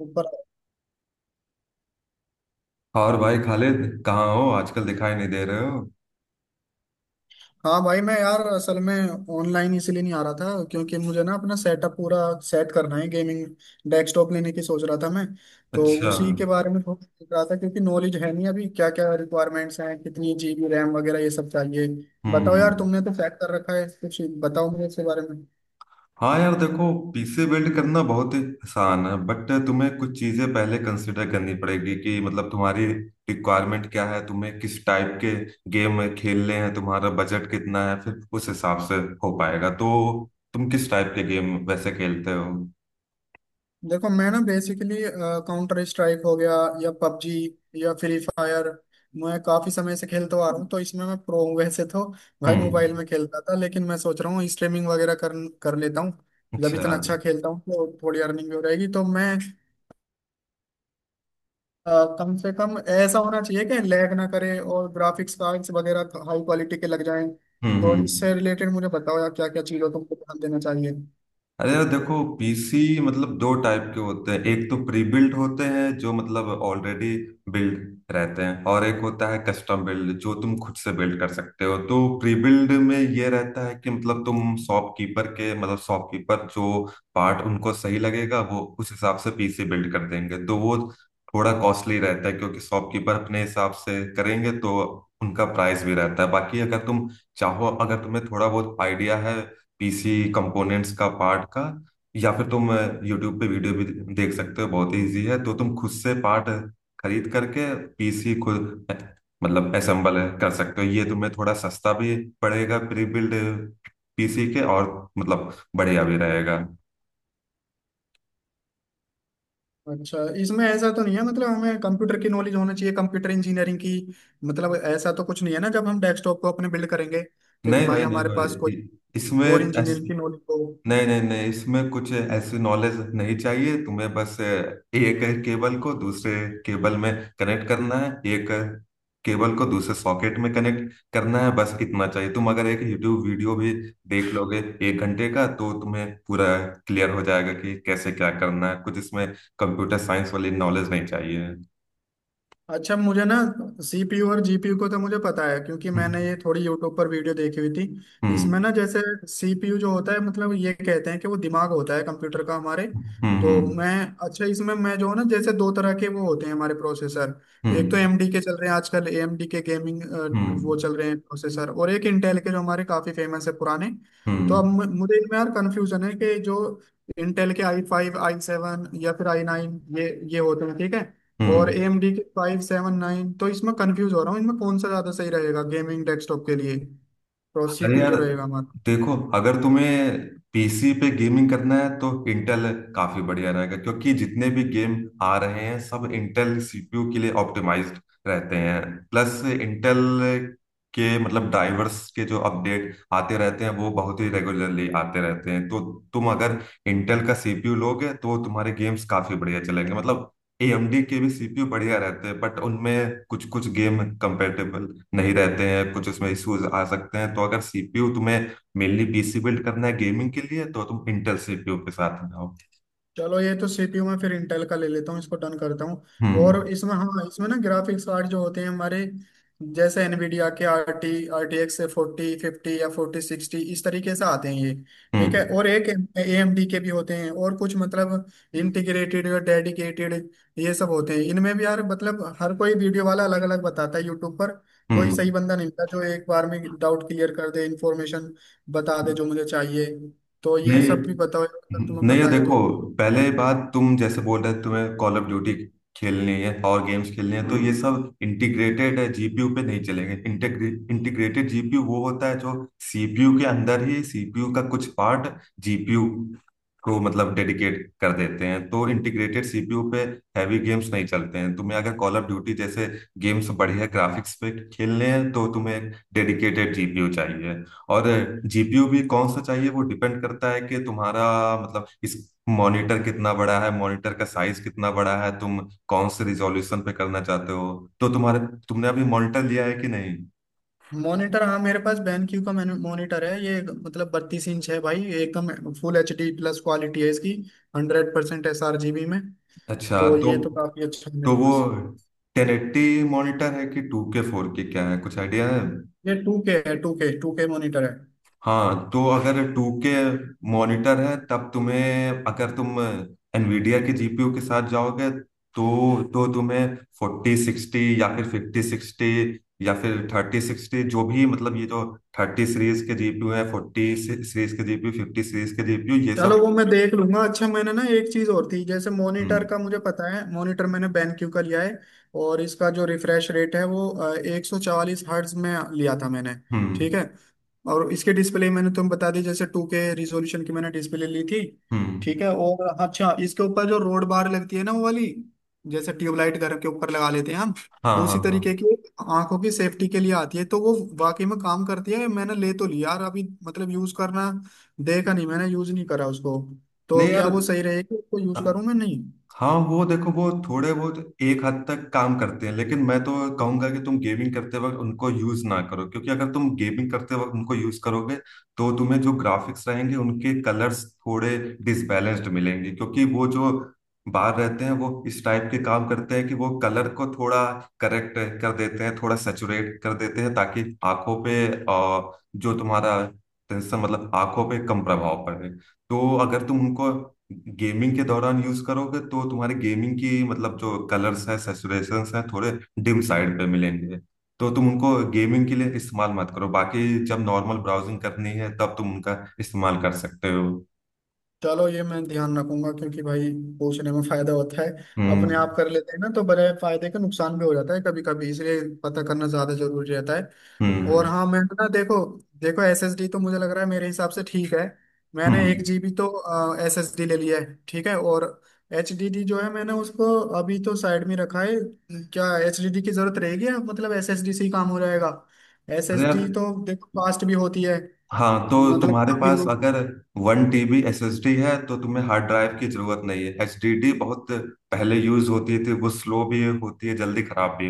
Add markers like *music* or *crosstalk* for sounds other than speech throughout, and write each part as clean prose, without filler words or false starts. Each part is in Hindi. ऊपर। और भाई खालिद कहाँ हो आजकल दिखाई नहीं दे रहे हो। हाँ भाई, मैं यार असल में ऑनलाइन इसलिए नहीं आ रहा था क्योंकि मुझे ना अपना सेटअप पूरा सेट करना है। गेमिंग डेस्कटॉप लेने की सोच रहा था मैं, तो अच्छा। उसी के बारे में थोड़ा सोच रहा था क्योंकि नॉलेज है नहीं अभी, क्या क्या रिक्वायरमेंट्स हैं, कितनी जीबी रैम वगैरह ये सब चाहिए। बताओ हम्म। यार, तुमने तो सेट कर रखा है कुछ। बताओ मुझे इसके बारे में। हाँ यार देखो, पीसी बिल्ड करना बहुत ही आसान है, बट तुम्हें कुछ चीजें पहले कंसिडर करनी पड़ेगी कि मतलब तुम्हारी रिक्वायरमेंट क्या है, तुम्हें किस टाइप के गेम खेलने हैं, तुम्हारा बजट कितना है, फिर उस हिसाब से हो पाएगा। तो तुम किस टाइप के गेम वैसे खेलते हो? देखो, मैं ना बेसिकली काउंटर स्ट्राइक हो गया या पबजी या फ्री फायर मैं काफी समय से खेलता आ रहा हूँ, तो इसमें मैं प्रो हूँ वैसे तो भाई। हम्म। मोबाइल में खेलता था, लेकिन मैं सोच रहा हूँ स्ट्रीमिंग वगैरह कर कर लेता हूँ। जब अच्छा। इतना अच्छा हम्म। खेलता हूँ तो थोड़ी अर्निंग भी हो जाएगी, तो मैं, कम से कम ऐसा होना चाहिए कि लैग ना करे, और ग्राफिक्स कार्ड्स वगैरह हाई क्वालिटी के लग जाएं। तो हम्म। इससे रिलेटेड मुझे बताओ यार, क्या क्या चीज़ों को ध्यान देना चाहिए। अरे यार देखो, पीसी मतलब दो टाइप के होते हैं। एक तो प्री बिल्ट होते हैं जो मतलब ऑलरेडी बिल्ड रहते हैं, और एक होता है कस्टम बिल्ड जो तुम खुद से बिल्ड कर सकते हो। तो प्री बिल्ड में ये रहता है कि मतलब तुम शॉपकीपर के मतलब शॉपकीपर जो पार्ट उनको सही लगेगा वो उस हिसाब से पीसी बिल्ड कर देंगे। तो वो थोड़ा कॉस्टली रहता है क्योंकि शॉपकीपर अपने हिसाब से करेंगे तो उनका प्राइस भी रहता है। बाकी अगर तुम चाहो, अगर तुम्हें थोड़ा बहुत आइडिया है पीसी कंपोनेंट्स का, पार्ट का, या फिर तुम यूट्यूब पे वीडियो भी देख सकते हो, बहुत इजी है, तो तुम खुद से पार्ट खरीद करके पीसी खुद मतलब असेंबल कर सकते हो। ये तुम्हें थोड़ा सस्ता भी पड़ेगा प्री बिल्ड पीसी के, और मतलब बढ़िया भी रहेगा। अच्छा, इसमें ऐसा तो नहीं है मतलब हमें कंप्यूटर की नॉलेज होना चाहिए, कंप्यूटर इंजीनियरिंग की? मतलब ऐसा तो कुछ नहीं है ना जब हम डेस्कटॉप को अपने बिल्ड करेंगे, क्योंकि नहीं भाई भाई, नहीं हमारे पास कोई भाई, इसमें कोर इंजीनियरिंग की नॉलेज हो। नहीं, नहीं, नहीं, इसमें कुछ ऐसी नॉलेज नहीं चाहिए। तुम्हें बस एक केबल को दूसरे केबल में कनेक्ट करना है, एक केबल को दूसरे सॉकेट में कनेक्ट करना है, बस इतना चाहिए। तुम अगर एक यूट्यूब वीडियो भी देख लोगे एक घंटे का, तो तुम्हें पूरा क्लियर हो जाएगा कि कैसे क्या करना है। कुछ इसमें कंप्यूटर साइंस वाली नॉलेज नहीं चाहिए। अच्छा मुझे ना, सीपीयू और जीपीयू को तो मुझे पता है, क्योंकि मैंने ये हम्म। थोड़ी यूट्यूब पर वीडियो देखी हुई थी इसमें। हम्म। ना जैसे सीपीयू जो होता है मतलब ये कहते हैं कि वो दिमाग होता है कंप्यूटर का हमारे। तो हम्म। मैं, अच्छा इसमें मैं, जो है ना, जैसे दो तरह के वो होते हैं हमारे प्रोसेसर। एक तो हम्म। एएमडी के चल रहे हैं आजकल, एएमडी के गेमिंग हम्म। वो चल रहे हैं प्रोसेसर, और एक इंटेल के जो हमारे काफी फेमस है पुराने। हम्म। तो अब हम्म। मुझे इनमें यार कंफ्यूजन है कि जो इंटेल के i5, i7 या फिर i9, ये होते हैं, ठीक है। और हम्म। AMD के 5, 7, 9, तो इसमें कंफ्यूज हो रहा हूँ इनमें कौन सा ज़्यादा सही रहेगा गेमिंग डेस्कटॉप के लिए। तो सी अरे पी यू यार जो रहेगा हमारा। देखो, अगर तुम्हें पीसी पे गेमिंग करना है तो इंटेल काफी बढ़िया रहेगा, क्योंकि जितने भी गेम आ रहे हैं सब इंटेल सीपीयू के लिए ऑप्टिमाइज्ड रहते हैं। प्लस इंटेल के मतलब ड्राइवर्स के जो अपडेट आते रहते हैं वो बहुत ही रेगुलरली आते रहते हैं। तो तुम अगर इंटेल का सीपीयू लोगे तो वो तुम्हारे गेम्स काफी बढ़िया चलेंगे। मतलब एएमडी के भी सीपीयू बढ़िया रहते हैं बट उनमें कुछ कुछ गेम कंपेटेबल नहीं रहते हैं, कुछ उसमें इश्यूज आ सकते हैं। तो अगर सीपीयू तुम्हें मेनली पीसी बिल्ड करना है गेमिंग के लिए तो तुम इंटेल सीपीयू के साथ में आओ। चलो, ये तो सीपीयू में फिर इंटेल का ले लेता हूँ, इसको डन करता हूँ। हम्म। और इसमें, हाँ इसमें ना ग्राफिक्स कार्ड जो होते हैं हमारे, जैसे एनवीडिया के RT, RTX 4050 या 4060, इस तरीके से आते हैं ये, ठीक है। हम्म। और एक AMD के भी होते हैं, और कुछ मतलब इंटीग्रेटेड या डेडिकेटेड ये सब होते हैं। इनमें भी यार मतलब हर कोई वीडियो वाला अलग अलग बताता है यूट्यूब पर। कोई हम्म। सही बंदा नहीं होता जो एक बार में डाउट क्लियर कर दे, इंफॉर्मेशन बता दे जो मुझे चाहिए। तो ये नहीं, सब भी बताओ अगर तुम्हें नहीं, ये पता है देखो, तो। पहले बात तुम जैसे बोल रहे तुम्हें कॉल ऑफ ड्यूटी खेलनी है और गेम्स खेलनी है, तो ये सब इंटीग्रेटेड है जीपीयू पे नहीं चलेंगे। इंटीग्रेटेड जीपीयू वो होता है जो सीपीयू के अंदर ही सीपीयू का कुछ पार्ट जीपीयू को मतलब डेडिकेट कर देते हैं। तो इंटीग्रेटेड सीपीयू पे हैवी गेम्स नहीं चलते हैं। तुम्हें अगर कॉल ऑफ ड्यूटी जैसे गेम्स बढ़िया ग्राफिक्स पे खेलने हैं तो तुम्हें एक डेडिकेटेड जीपीयू चाहिए। और जीपीयू भी कौन सा चाहिए वो डिपेंड करता है कि तुम्हारा मतलब इस मॉनिटर कितना बड़ा है, मॉनिटर का साइज कितना बड़ा है, तुम कौन से रिजॉल्यूशन पे करना चाहते हो। तो तुम्हारे, तुमने अभी मॉनिटर लिया है कि नहीं? मॉनिटर, हाँ मेरे पास BenQ का मॉनिटर है, ये मतलब 32 इंच है भाई, एकदम फुल HD प्लस क्वालिटी है इसकी, 100% sRGB में। अच्छा, तो ये तो काफी अच्छा है मेरे तो वो पास। टेन एट्टी मॉनिटर है कि टू के, फोर के, क्या है? कुछ आइडिया है? ये 2K है, टू के मॉनिटर है। हाँ, तो अगर टू के मॉनिटर है तब तुम्हें, अगर तुम एनवीडिया के जीपीयू के साथ जाओगे, तो तुम्हें फोर्टी सिक्सटी या फिर फिफ्टी सिक्सटी या फिर थर्टी सिक्सटी जो भी, मतलब ये जो थर्टी सीरीज के जीपीयू है, फोर्टी सीरीज के जीपीयू, फिफ्टी सीरीज के जीपीयू, ये चलो, सब। वो मैं देख लूंगा। अच्छा, मैंने ना एक चीज और थी जैसे, मॉनिटर हम्म। का मुझे पता है, मॉनिटर मैंने BenQ का लिया है, और इसका जो रिफ्रेश रेट है वो 144 हर्ट्ज में लिया था मैंने, ठीक हम्म। है। और इसके डिस्प्ले मैंने तुम बता दी, जैसे 2K रिजोल्यूशन की मैंने डिस्प्ले ली थी, ठीक हम्म। है। और अच्छा, इसके ऊपर जो रोड बार लगती है ना वो वाली, जैसे ट्यूबलाइट घर के ऊपर लगा लेते हैं हम, हाँ, हाँ, उसी तरीके हाँ। की एक आंखों की सेफ्टी के लिए आती है, तो वो वाकई में काम करती है? मैंने ले तो लिया यार, अभी मतलब यूज करना देखा नहीं, मैंने यूज नहीं करा उसको। तो नहीं यार, क्या वो सही रहेगी, उसको यूज करूँ मैं नहीं? हाँ वो देखो, वो थोड़े बहुत एक हद तक काम करते हैं, लेकिन मैं तो कहूंगा कि तुम गेमिंग करते वक्त उनको यूज ना करो, क्योंकि अगर तुम गेमिंग करते वक्त उनको यूज करोगे तो तुम्हें जो ग्राफिक्स रहेंगे उनके कलर्स थोड़े डिसबैलेंस्ड मिलेंगे। क्योंकि वो जो बाहर रहते हैं वो इस टाइप के काम करते हैं कि वो कलर को थोड़ा करेक्ट कर देते हैं, थोड़ा सेचुरेट कर देते हैं, ताकि आंखों पे जो तुम्हारा टेंशन मतलब आंखों पे कम प्रभाव पड़े। तो अगर तुम उनको गेमिंग के दौरान यूज करोगे तो तुम्हारे गेमिंग की मतलब जो कलर्स हैं, सेचुरेशंस हैं, थोड़े डिम साइड पे मिलेंगे। तो तुम उनको गेमिंग के लिए इस्तेमाल मत करो, बाकी जब नॉर्मल ब्राउजिंग करनी है तब तुम उनका इस्तेमाल कर सकते हो। चलो ये मैं ध्यान रखूंगा, क्योंकि भाई पूछने में फायदा होता है। अपने हम्म। आप कर लेते हैं ना तो बड़े फायदे का नुकसान भी हो जाता है कभी कभी, इसलिए पता करना ज्यादा जरूरी रहता है। और हम्म। हाँ, मैं ना, देखो देखो एसएसडी तो मुझे लग रहा है मेरे हिसाब से ठीक है, मैंने एक हम्म। जीबी तो एसएसडी ले लिया है, ठीक है। और एचडीडी जो है मैंने उसको अभी तो साइड में रखा है। क्या एचडीडी की जरूरत रहेगी, या मतलब एसएसडी से ही काम हो जाएगा? अरे यार, एसएसडी तो देखो फास्ट भी होती है, हाँ, तो मतलब तुम्हारे काफी पास लोग। अगर वन टीबी एसएसडी है तो तुम्हें हार्ड ड्राइव की जरूरत नहीं है। एचडीडी बहुत पहले यूज होती थी, वो स्लो भी होती है, जल्दी खराब भी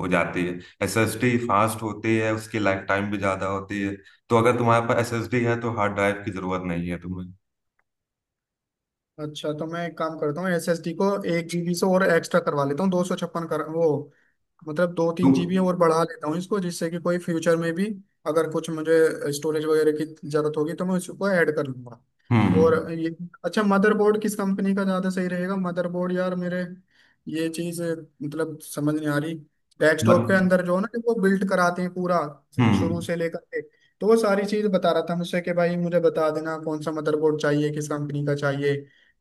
हो जाती है। एसएसडी फास्ट होती है, उसकी लाइफ टाइम भी ज्यादा होती है। तो अगर तुम्हारे पास एसएसडी है तो हार्ड ड्राइव की जरूरत नहीं है तुम्हें। अच्छा, तो मैं एक काम करता हूँ, एसएसडी को 1 जीबी से और एक्स्ट्रा करवा लेता हूँ, 256 कर, वो मतलब दो तीन तुम। जीबी और बढ़ा लेता हूँ इसको, जिससे कि कोई फ्यूचर में भी अगर कुछ मुझे स्टोरेज वगैरह की जरूरत होगी तो मैं उसको ऐड कर लूंगा। हम्म। और ये, अच्छा मदरबोर्ड किस कंपनी का ज़्यादा सही रहेगा? मदरबोर्ड यार, मेरे ये चीज़ मतलब समझ नहीं आ रही। मत। डेस्कटॉप के अंदर जो है ना, कि वो बिल्ड कराते हैं पूरा शुरू हम्म। से लेकर के, तो वो सारी चीज़ बता रहा था मुझसे कि भाई मुझे बता देना कौन सा मदरबोर्ड चाहिए, किस कंपनी का चाहिए।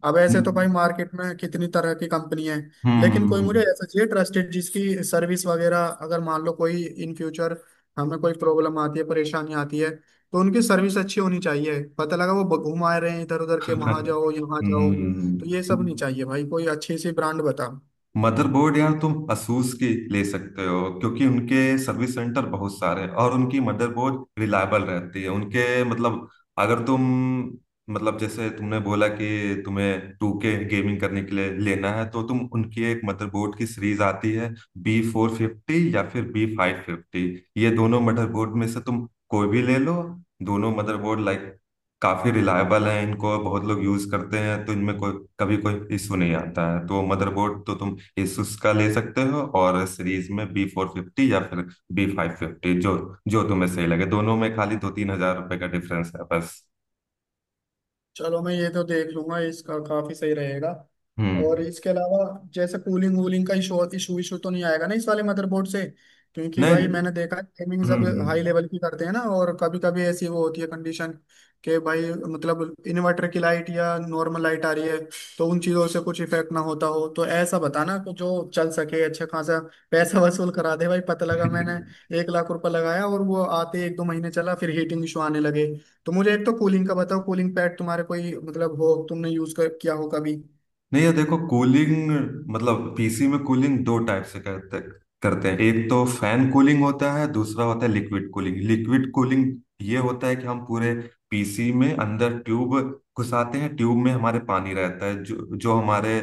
अब ऐसे तो भाई हम्म। मार्केट में कितनी तरह की कंपनी है, लेकिन कोई मुझे हम्म। ऐसा चाहिए ट्रस्टेड, जिसकी सर्विस वगैरह, अगर मान लो कोई इन फ्यूचर हमें कोई प्रॉब्लम आती है, परेशानी आती है, तो उनकी सर्विस अच्छी होनी चाहिए। पता लगा वो घुमा रहे हैं इधर उधर के, वहां जाओ, यहाँ हम्म। जाओ, *laughs* तो ये सब नहीं हम्म। चाहिए भाई, कोई अच्छी सी ब्रांड बता। मदरबोर्ड यार तुम असूस की ले सकते हो, क्योंकि उनके सर्विस सेंटर बहुत सारे हैं और उनकी मदरबोर्ड रिलायबल रहती है। उनके मतलब, अगर तुम मतलब, जैसे तुमने बोला कि तुम्हें टू के गेमिंग करने के लिए लेना है, तो तुम उनकी एक मदरबोर्ड की सीरीज आती है बी फोर फिफ्टी या फिर बी फाइव फिफ्टी, ये दोनों मदरबोर्ड में से तुम कोई भी ले लो। दोनों मदरबोर्ड लाइक काफी रिलायबल है, इनको बहुत लोग यूज करते हैं, तो इनमें कोई कभी कोई इशू नहीं आता है। तो मदरबोर्ड तो तुम Asus का ले सकते हो, और सीरीज में बी फोर फिफ्टी या फिर बी फाइव फिफ्टी, जो जो तुम्हें सही लगे। दोनों में खाली दो तीन हजार रुपए का डिफरेंस है बस। चलो, मैं ये तो देख लूंगा, इसका काफी सही रहेगा। और हम्म। इसके अलावा जैसे कूलिंग वूलिंग का इशू इशू इशू तो नहीं आएगा ना इस वाले मदरबोर्ड से? क्योंकि भाई नहीं। मैंने देखा है गेमिंग सब हम्म। हाई लेवल की करते हैं ना, और कभी कभी ऐसी वो होती है कंडीशन कि भाई मतलब इन्वर्टर की लाइट या नॉर्मल लाइट आ रही है, तो उन चीजों से कुछ इफेक्ट ना होता हो, तो ऐसा बताना कि जो चल सके अच्छा खासा। पैसा *laughs* वसूल करा दे भाई, पता लगा मैंने *laughs* 1 लाख रुपए लगाया और वो आते एक दो महीने चला, फिर हीटिंग इशू आने लगे। तो मुझे एक तो कूलिंग का बताओ, कूलिंग पैड तुम्हारे कोई मतलब हो, तुमने यूज कर किया हो कभी? नहीं ये देखो, कूलिंग मतलब पीसी में कूलिंग दो टाइप से करते करते हैं। एक तो फैन कूलिंग होता है, दूसरा होता है लिक्विड कूलिंग। लिक्विड कूलिंग ये होता है कि हम पूरे पीसी में अंदर ट्यूब घुसाते हैं, ट्यूब में हमारे पानी रहता है जो जो हमारे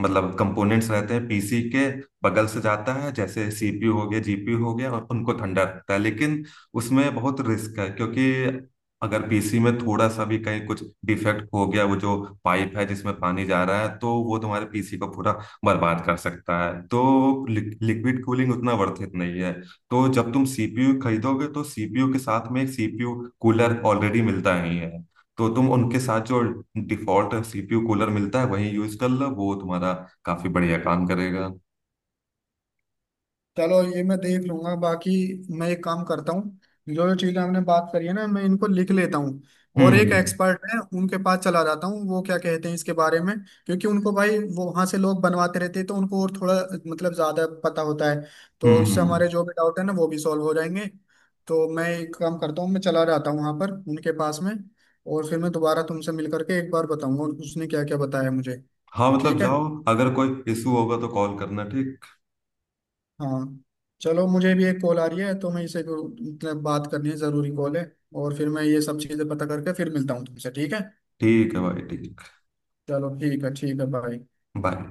मतलब कंपोनेंट्स रहते हैं पीसी के बगल से जाता है, जैसे सीपीयू हो गया, जीपीयू हो गया, और उनको ठंडा रखता है। लेकिन उसमें बहुत रिस्क है, क्योंकि अगर पीसी में थोड़ा सा भी कहीं कुछ डिफेक्ट हो गया, वो जो पाइप है जिसमें पानी जा रहा है तो वो तुम्हारे पीसी को पूरा बर्बाद कर सकता है। तो लिक्विड कूलिंग उतना वर्थ इट नहीं है। तो जब तुम सीपीयू खरीदोगे तो सीपीयू के साथ में एक सीपीयू कूलर ऑलरेडी मिलता ही है। तो तुम उनके साथ जो डिफॉल्ट सीपीयू कूलर मिलता है वही यूज कर लो, वो तुम्हारा काफी बढ़िया काम करेगा। चलो ये मैं देख लूंगा बाकी। मैं एक काम करता हूँ, जो जो चीजें हमने बात करी है ना मैं इनको लिख लेता हूँ, और हम्म। एक हम्म। एक्सपर्ट है उनके पास चला जाता हूँ, वो क्या कहते हैं इसके बारे में। क्योंकि उनको भाई वो वहां से लोग बनवाते रहते हैं, तो उनको और थोड़ा मतलब ज्यादा पता होता है, तो हम्म। इससे हमारे हम्म। जो भी डाउट है ना वो भी सॉल्व हो जाएंगे। तो मैं एक काम करता हूँ, मैं चला जाता हूँ वहां पर उनके पास में, और फिर मैं दोबारा तुमसे मिल करके एक बार बताऊंगा उसने क्या क्या बताया मुझे, हाँ मतलब ठीक है। जाओ, अगर कोई इशू होगा तो कॉल करना, ठीक? हाँ, चलो मुझे भी एक कॉल आ रही है, तो मैं मतलब बात करनी है, ज़रूरी कॉल है, और फिर मैं ये सब चीज़ें पता करके फिर मिलता हूँ तुमसे, ठीक है। ठीक है भाई, ठीक। चलो ठीक है, ठीक है, बाय। बाय।